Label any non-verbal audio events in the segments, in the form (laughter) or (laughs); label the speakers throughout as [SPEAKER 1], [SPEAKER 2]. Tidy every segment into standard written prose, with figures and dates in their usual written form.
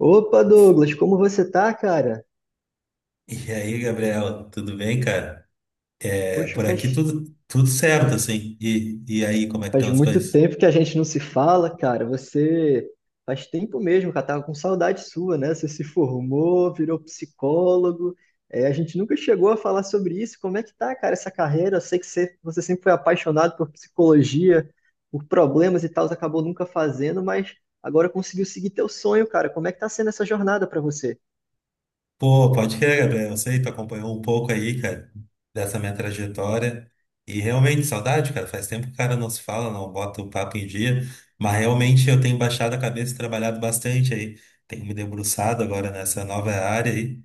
[SPEAKER 1] Opa, Douglas, como você tá, cara?
[SPEAKER 2] E aí, Gabriel, tudo bem, cara? É,
[SPEAKER 1] Poxa,
[SPEAKER 2] por aqui
[SPEAKER 1] faz,
[SPEAKER 2] tudo certo, assim. E aí, como é que
[SPEAKER 1] faz
[SPEAKER 2] estão as
[SPEAKER 1] muito
[SPEAKER 2] coisas?
[SPEAKER 1] tempo que a gente não se fala, cara. Você faz tempo mesmo, cara. Tava com saudade sua, né? Você se formou, virou psicólogo. É, a gente nunca chegou a falar sobre isso. Como é que tá, cara, essa carreira? Eu sei que você sempre foi apaixonado por psicologia, por problemas e tal, você acabou nunca fazendo, mas agora conseguiu seguir teu sonho, cara. Como é que tá sendo essa jornada pra você?
[SPEAKER 2] Pô, pode crer, Gabriel. Eu sei, tu acompanhou um pouco aí, cara, dessa minha trajetória. E realmente, saudade, cara. Faz tempo que o cara não se fala, não bota o papo em dia. Mas realmente eu tenho baixado a cabeça e trabalhado bastante aí. Tenho me debruçado agora nessa nova área aí.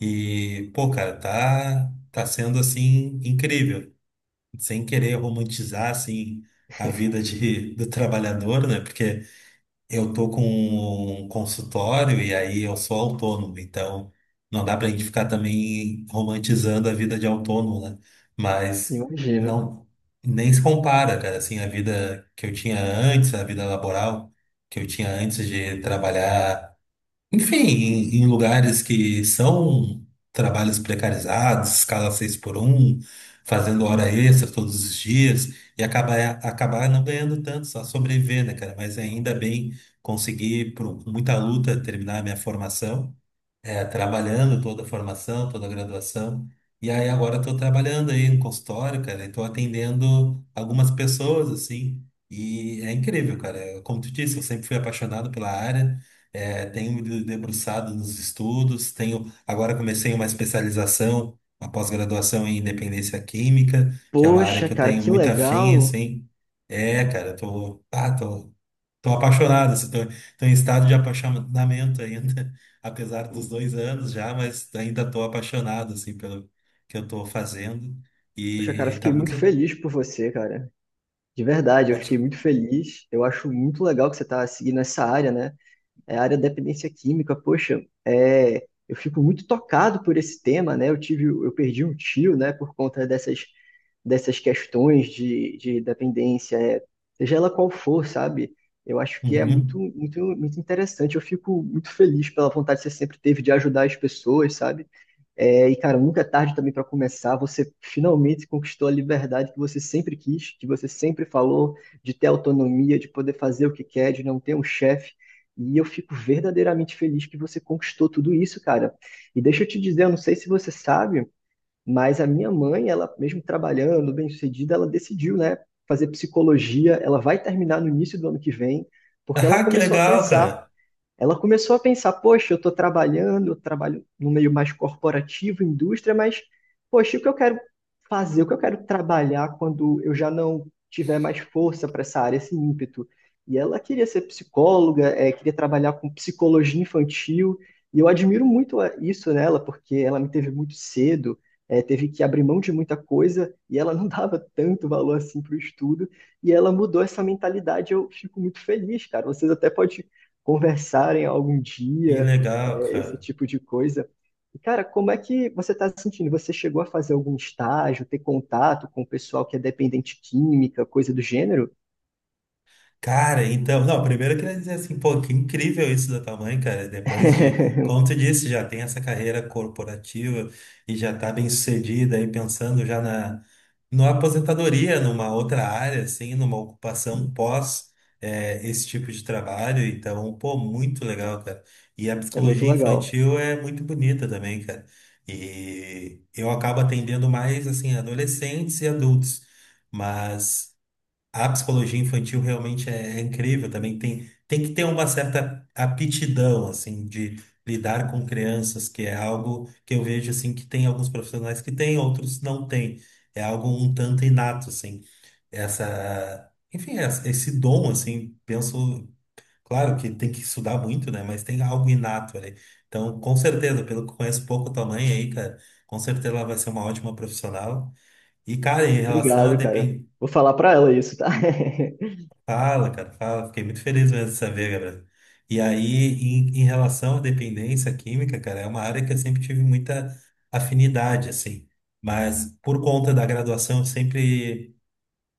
[SPEAKER 2] E, pô, cara, tá sendo, assim, incrível. Sem querer romantizar assim a vida de, (laughs) do trabalhador, né? Porque eu tô com um consultório e aí eu sou autônomo, então não dá pra gente ficar também romantizando a vida de autônomo, né? Mas
[SPEAKER 1] Imagino.
[SPEAKER 2] não nem se compara, cara, assim a vida que eu tinha antes, a vida laboral que eu tinha antes de trabalhar enfim, em lugares que são trabalhos precarizados, escala 6x1 fazendo hora extra todos os dias, e acabar não ganhando tanto, só sobreviver, né, cara? Mas ainda bem conseguir, por muita luta, terminar a minha formação é, trabalhando toda a formação, toda a graduação. E aí agora estou trabalhando aí no consultório, cara, e estou atendendo algumas pessoas, assim, e é incrível, cara. Como tu disse, eu sempre fui apaixonado pela área, é, tenho me debruçado nos estudos, tenho agora comecei uma especialização, uma pós-graduação em independência química, que é uma área
[SPEAKER 1] Poxa,
[SPEAKER 2] que eu
[SPEAKER 1] cara,
[SPEAKER 2] tenho
[SPEAKER 1] que
[SPEAKER 2] muito afim,
[SPEAKER 1] legal.
[SPEAKER 2] assim. É, cara, eu tô, estão apaixonados, estão em estado de apaixonamento ainda, (laughs) apesar dos 2 anos já, mas ainda estou apaixonado assim pelo que eu estou fazendo
[SPEAKER 1] Poxa, cara,
[SPEAKER 2] e tá
[SPEAKER 1] fiquei muito
[SPEAKER 2] muito
[SPEAKER 1] feliz por você, cara. De verdade, eu fiquei
[SPEAKER 2] ótimo.
[SPEAKER 1] muito feliz. Eu acho muito legal que você está seguindo essa área, né? É a área da dependência química. Poxa, é, eu fico muito tocado por esse tema, né? Eu tive, eu perdi um tio, né? Por conta dessas questões de dependência, é, seja ela qual for, sabe? Eu acho que é muito,
[SPEAKER 2] Uhum. (laughs)
[SPEAKER 1] muito, muito interessante. Eu fico muito feliz pela vontade que você sempre teve de ajudar as pessoas, sabe? É, e, cara, nunca é tarde também para começar. Você finalmente conquistou a liberdade que você sempre quis, que você sempre falou, de ter autonomia, de poder fazer o que quer, de não ter um chefe. E eu fico verdadeiramente feliz que você conquistou tudo isso, cara. E deixa eu te dizer, eu não sei se você sabe, mas a minha mãe, ela mesmo trabalhando, bem-sucedida, ela decidiu, né, fazer psicologia. Ela vai terminar no início do ano que vem, porque ela
[SPEAKER 2] Ah, que
[SPEAKER 1] começou a
[SPEAKER 2] legal,
[SPEAKER 1] pensar
[SPEAKER 2] cara!
[SPEAKER 1] ela começou a pensar, poxa, eu estou trabalhando, eu trabalho no meio mais corporativo, indústria, mas, poxa, o que eu quero fazer, o que eu quero trabalhar quando eu já não tiver mais força para essa área, esse ímpeto? E ela queria ser psicóloga, queria trabalhar com psicologia infantil, e eu admiro muito a- isso nela, porque ela me teve muito cedo, teve que abrir mão de muita coisa, e ela não (laughs) dava tanto valor assim para o estudo, e ela mudou essa mentalidade, eu fico muito feliz, cara. Vocês até podem conversarem algum
[SPEAKER 2] Que
[SPEAKER 1] dia,
[SPEAKER 2] legal,
[SPEAKER 1] é, esse
[SPEAKER 2] cara!
[SPEAKER 1] tipo de coisa. E, cara, como é que você está se sentindo? Você chegou a fazer algum estágio, ter contato com o pessoal que é dependente química, coisa do gênero?
[SPEAKER 2] Cara, então, não, primeiro eu queria dizer assim, pô, que incrível isso da tua mãe, cara. Depois de, como tu
[SPEAKER 1] (laughs)
[SPEAKER 2] disse, já tem essa carreira corporativa e já tá bem sucedida aí pensando já na, na aposentadoria, numa outra área, assim, numa ocupação pós esse tipo de trabalho. Então, pô, muito legal, cara. E a
[SPEAKER 1] É muito
[SPEAKER 2] psicologia
[SPEAKER 1] legal.
[SPEAKER 2] infantil é muito bonita também, cara. E eu acabo atendendo mais, assim, adolescentes e adultos. Mas. A psicologia infantil realmente é incrível também. Tem que ter uma certa aptidão, assim, de lidar com crianças, que é algo que eu vejo, assim, que tem alguns profissionais que têm, outros não têm. É algo um tanto inato, assim. Essa, enfim, esse dom, assim, penso, claro que tem que estudar muito, né? Mas tem algo inato ali. Então, com certeza, pelo que conheço pouco tua mãe aí, cara, com certeza ela vai ser uma ótima profissional. E, cara, em relação a
[SPEAKER 1] Obrigado, cara.
[SPEAKER 2] depender.
[SPEAKER 1] Vou falar pra ela isso, tá? (laughs)
[SPEAKER 2] Fala, cara, fala. Fiquei muito feliz mesmo de saber, Gabriel. E aí, em relação à dependência química, cara, é uma área que eu sempre tive muita afinidade, assim. Mas por conta da graduação, eu sempre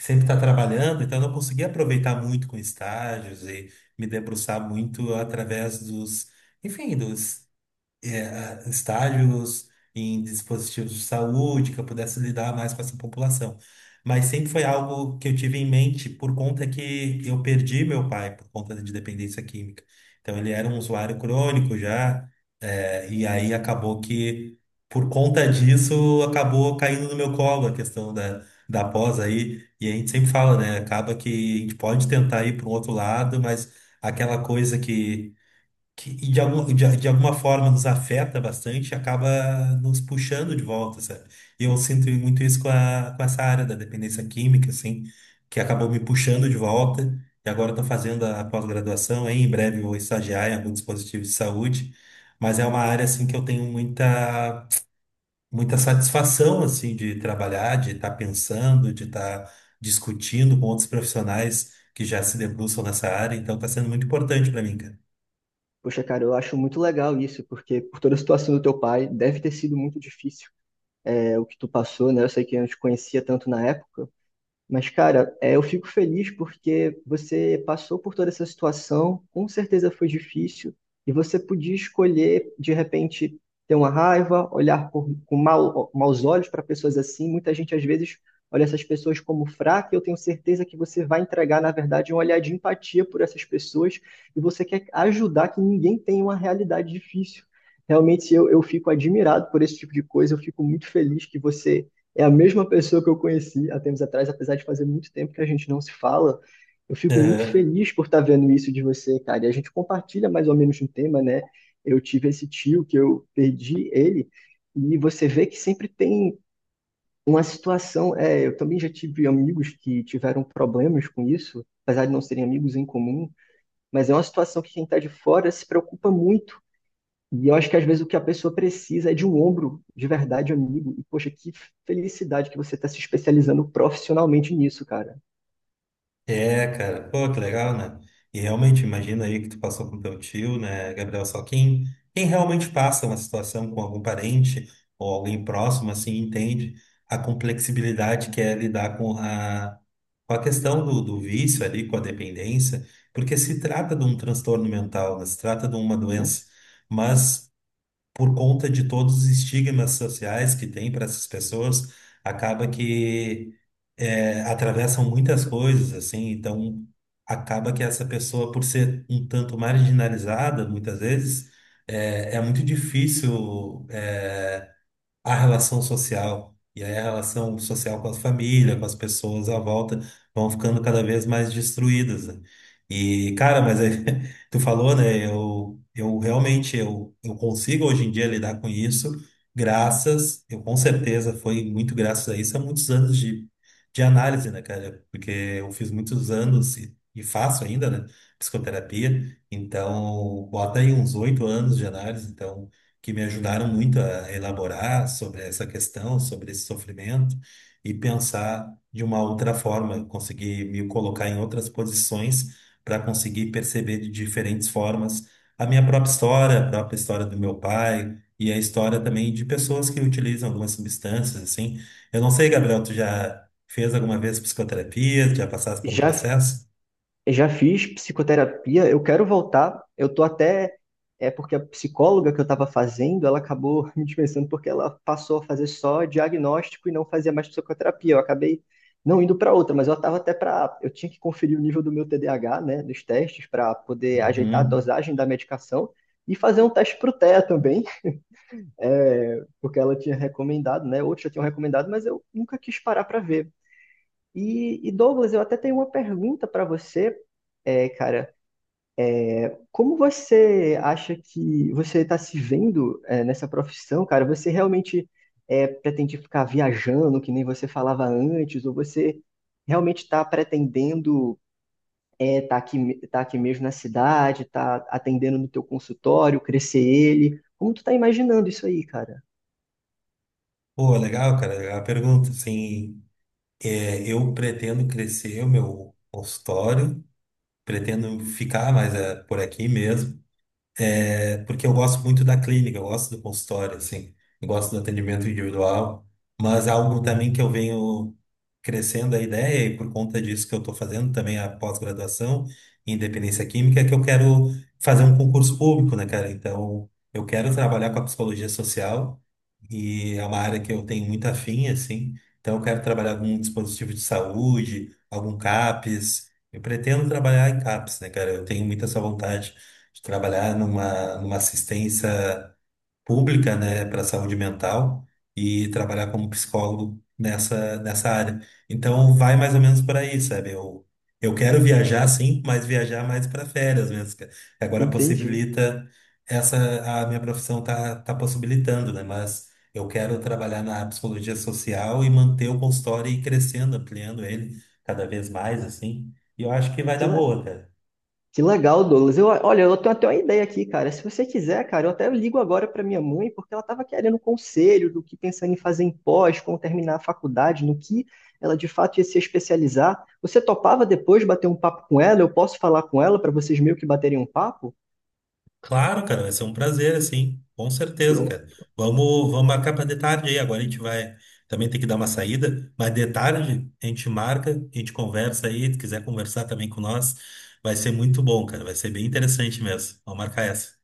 [SPEAKER 2] sempre tá trabalhando, então eu não consegui aproveitar muito com estágios e me debruçar muito através dos, enfim, dos é, estágios em dispositivos de saúde, que eu pudesse lidar mais com essa população. Mas sempre foi algo que eu tive em mente por conta que eu perdi meu pai por conta de dependência química. Então ele era um usuário crônico já, é, e aí acabou que por conta disso acabou caindo no meu colo a questão da pós aí. E a gente sempre fala, né? Acaba que a gente pode tentar ir para um outro lado, mas aquela coisa que de alguma forma nos afeta bastante, acaba nos puxando de volta, sabe? E eu sinto muito isso com essa área da dependência química, assim, que acabou me puxando de volta, e agora estou fazendo a pós-graduação, hein? Em breve vou estagiar em algum dispositivo de saúde, mas é uma área, assim, que eu tenho muita satisfação, assim, de trabalhar, de estar pensando, de estar discutindo com outros profissionais que já se debruçam nessa área, então está sendo muito importante para mim, cara.
[SPEAKER 1] Poxa, cara, eu acho muito legal isso, porque por toda a situação do teu pai, deve ter sido muito difícil, é, o que tu passou, né? Eu sei que eu não te conhecia tanto na época, mas, cara, é, eu fico feliz porque você passou por toda essa situação, com certeza foi difícil, e você podia escolher, de repente, ter uma raiva, olhar por- com mau, maus olhos para pessoas assim. Muita gente, às vezes, olha essas pessoas como fraca, e eu tenho certeza que você vai entregar, na verdade, um olhar de empatia por essas pessoas, e você quer ajudar que ninguém tenha uma realidade difícil. Realmente, eu fico admirado por esse tipo de coisa, eu fico muito feliz que você é a mesma pessoa que eu conheci há tempos atrás, apesar de fazer muito tempo que a gente não se fala. Eu fico muito feliz por estar vendo isso de você, cara. E a gente compartilha mais ou menos um tema, né? Eu tive esse tio que eu perdi ele, e você vê que sempre tem uma situação. É, eu também já tive amigos que tiveram problemas com isso, apesar de não serem amigos em comum, mas é uma situação que quem está de fora se preocupa muito e eu acho que às vezes o que a pessoa precisa é de um ombro de verdade, amigo. E poxa, que felicidade que você está se especializando profissionalmente nisso, cara.
[SPEAKER 2] É, cara, pô, que legal, né? E realmente, imagina aí que tu passou com teu tio, né, Gabriel? Só quem realmente passa uma situação com algum parente ou alguém próximo, assim, entende a complexibilidade que é lidar com a questão do, do vício ali, com a dependência, porque se trata de um transtorno mental, né? Se trata de uma
[SPEAKER 1] Assim,
[SPEAKER 2] doença. Mas por conta de todos os estigmas sociais que tem para essas pessoas, acaba que é, atravessam muitas coisas, assim, então acaba que essa pessoa, por ser um tanto marginalizada, muitas vezes, é muito difícil. A relação social. E aí a relação social com a família, com as pessoas à volta, vão ficando cada vez mais destruídas, né? E, cara, mas aí, (laughs) tu falou, né? Eu realmente eu consigo hoje em dia lidar com isso, graças, eu com certeza foi muito graças a isso, há muitos anos de análise, né, cara? Porque eu fiz muitos anos e faço ainda, né? Psicoterapia. Então, bota aí uns 8 anos de análise, então que me ajudaram muito a elaborar sobre essa questão, sobre esse sofrimento e pensar de uma outra forma, conseguir me colocar em outras posições para conseguir perceber de diferentes formas a minha própria história, a própria história do meu pai e a história também de pessoas que utilizam algumas substâncias, assim. Eu não sei, Gabriel, tu já fez alguma vez psicoterapia, já passaste por um
[SPEAKER 1] já,
[SPEAKER 2] processo?
[SPEAKER 1] já fiz psicoterapia, eu quero voltar. Eu tô até. É porque a psicóloga que eu estava fazendo, ela acabou (laughs) me dispensando porque ela passou a fazer só diagnóstico e não fazia mais psicoterapia. Eu acabei não indo para outra, mas eu estava até para. Eu tinha que conferir o nível do meu TDAH, né, dos testes, para poder ajeitar a
[SPEAKER 2] Uhum.
[SPEAKER 1] dosagem da medicação e fazer um teste para o TEA também. Porque ela tinha recomendado, né? Outros já tinham recomendado, mas eu nunca quis parar para ver. Douglas, eu até tenho uma pergunta para você, é, cara. Como você acha que você está se vendo é, nessa profissão, cara? Você realmente é, pretende ficar viajando, que nem você falava antes, ou você realmente está pretendendo estar é, tá aqui mesmo na cidade, tá atendendo no teu consultório, crescer ele? Como tu tá imaginando isso aí, cara?
[SPEAKER 2] Pô, legal, cara, legal a pergunta, assim. É, eu pretendo crescer o meu consultório, pretendo ficar mais é, por aqui mesmo. É porque eu gosto muito da clínica, eu gosto do consultório, assim, eu gosto do atendimento individual, mas é algo também que eu venho crescendo a ideia, e por conta disso que eu estou fazendo também a pós-graduação em dependência química, é que eu quero fazer um concurso público, né, cara? Então, eu quero trabalhar com a psicologia social, e é uma área que eu tenho muito afim, assim, então eu quero trabalhar com um dispositivo de saúde, algum CAPS, eu pretendo trabalhar em CAPS, né, cara? Eu tenho muita essa vontade de trabalhar numa assistência pública, né, para saúde mental e trabalhar como psicólogo nessa área. Então, vai mais ou menos por aí, sabe? Eu quero viajar, sim, mas viajar mais para férias mesmo. Que agora
[SPEAKER 1] Entendi.
[SPEAKER 2] possibilita, essa, a minha profissão tá possibilitando, né? Mas eu quero trabalhar na psicologia social e manter o consultório e ir crescendo, ampliando ele cada vez mais, assim. E eu acho que vai
[SPEAKER 1] Que,
[SPEAKER 2] dar
[SPEAKER 1] le-
[SPEAKER 2] boa, cara.
[SPEAKER 1] Que legal, Douglas. Eu, olha, eu tenho até uma ideia aqui, cara. Se você quiser, cara, eu até ligo agora para minha mãe, porque ela estava querendo um conselho do que pensando em fazer em pós, como terminar a faculdade, no que ela de fato ia se especializar. Você topava depois bater um papo com ela? Eu posso falar com ela para vocês meio que baterem um papo?
[SPEAKER 2] Claro, cara, vai ser um prazer, assim, com certeza, cara.
[SPEAKER 1] Pronto.
[SPEAKER 2] Vamos marcar para de tarde aí. Agora a gente vai também ter que dar uma saída, mas de tarde a gente marca, a gente conversa aí. Se quiser conversar também com nós, vai ser muito bom, cara. Vai ser bem interessante mesmo. Vamos marcar essa.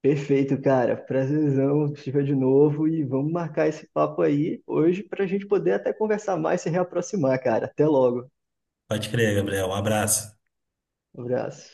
[SPEAKER 1] Perfeito, cara. Prazerzão, estiver de novo e vamos marcar esse papo aí hoje para a gente poder até conversar mais, e se reaproximar, cara. Até logo.
[SPEAKER 2] Pode crer, Gabriel. Um abraço.
[SPEAKER 1] Abraço.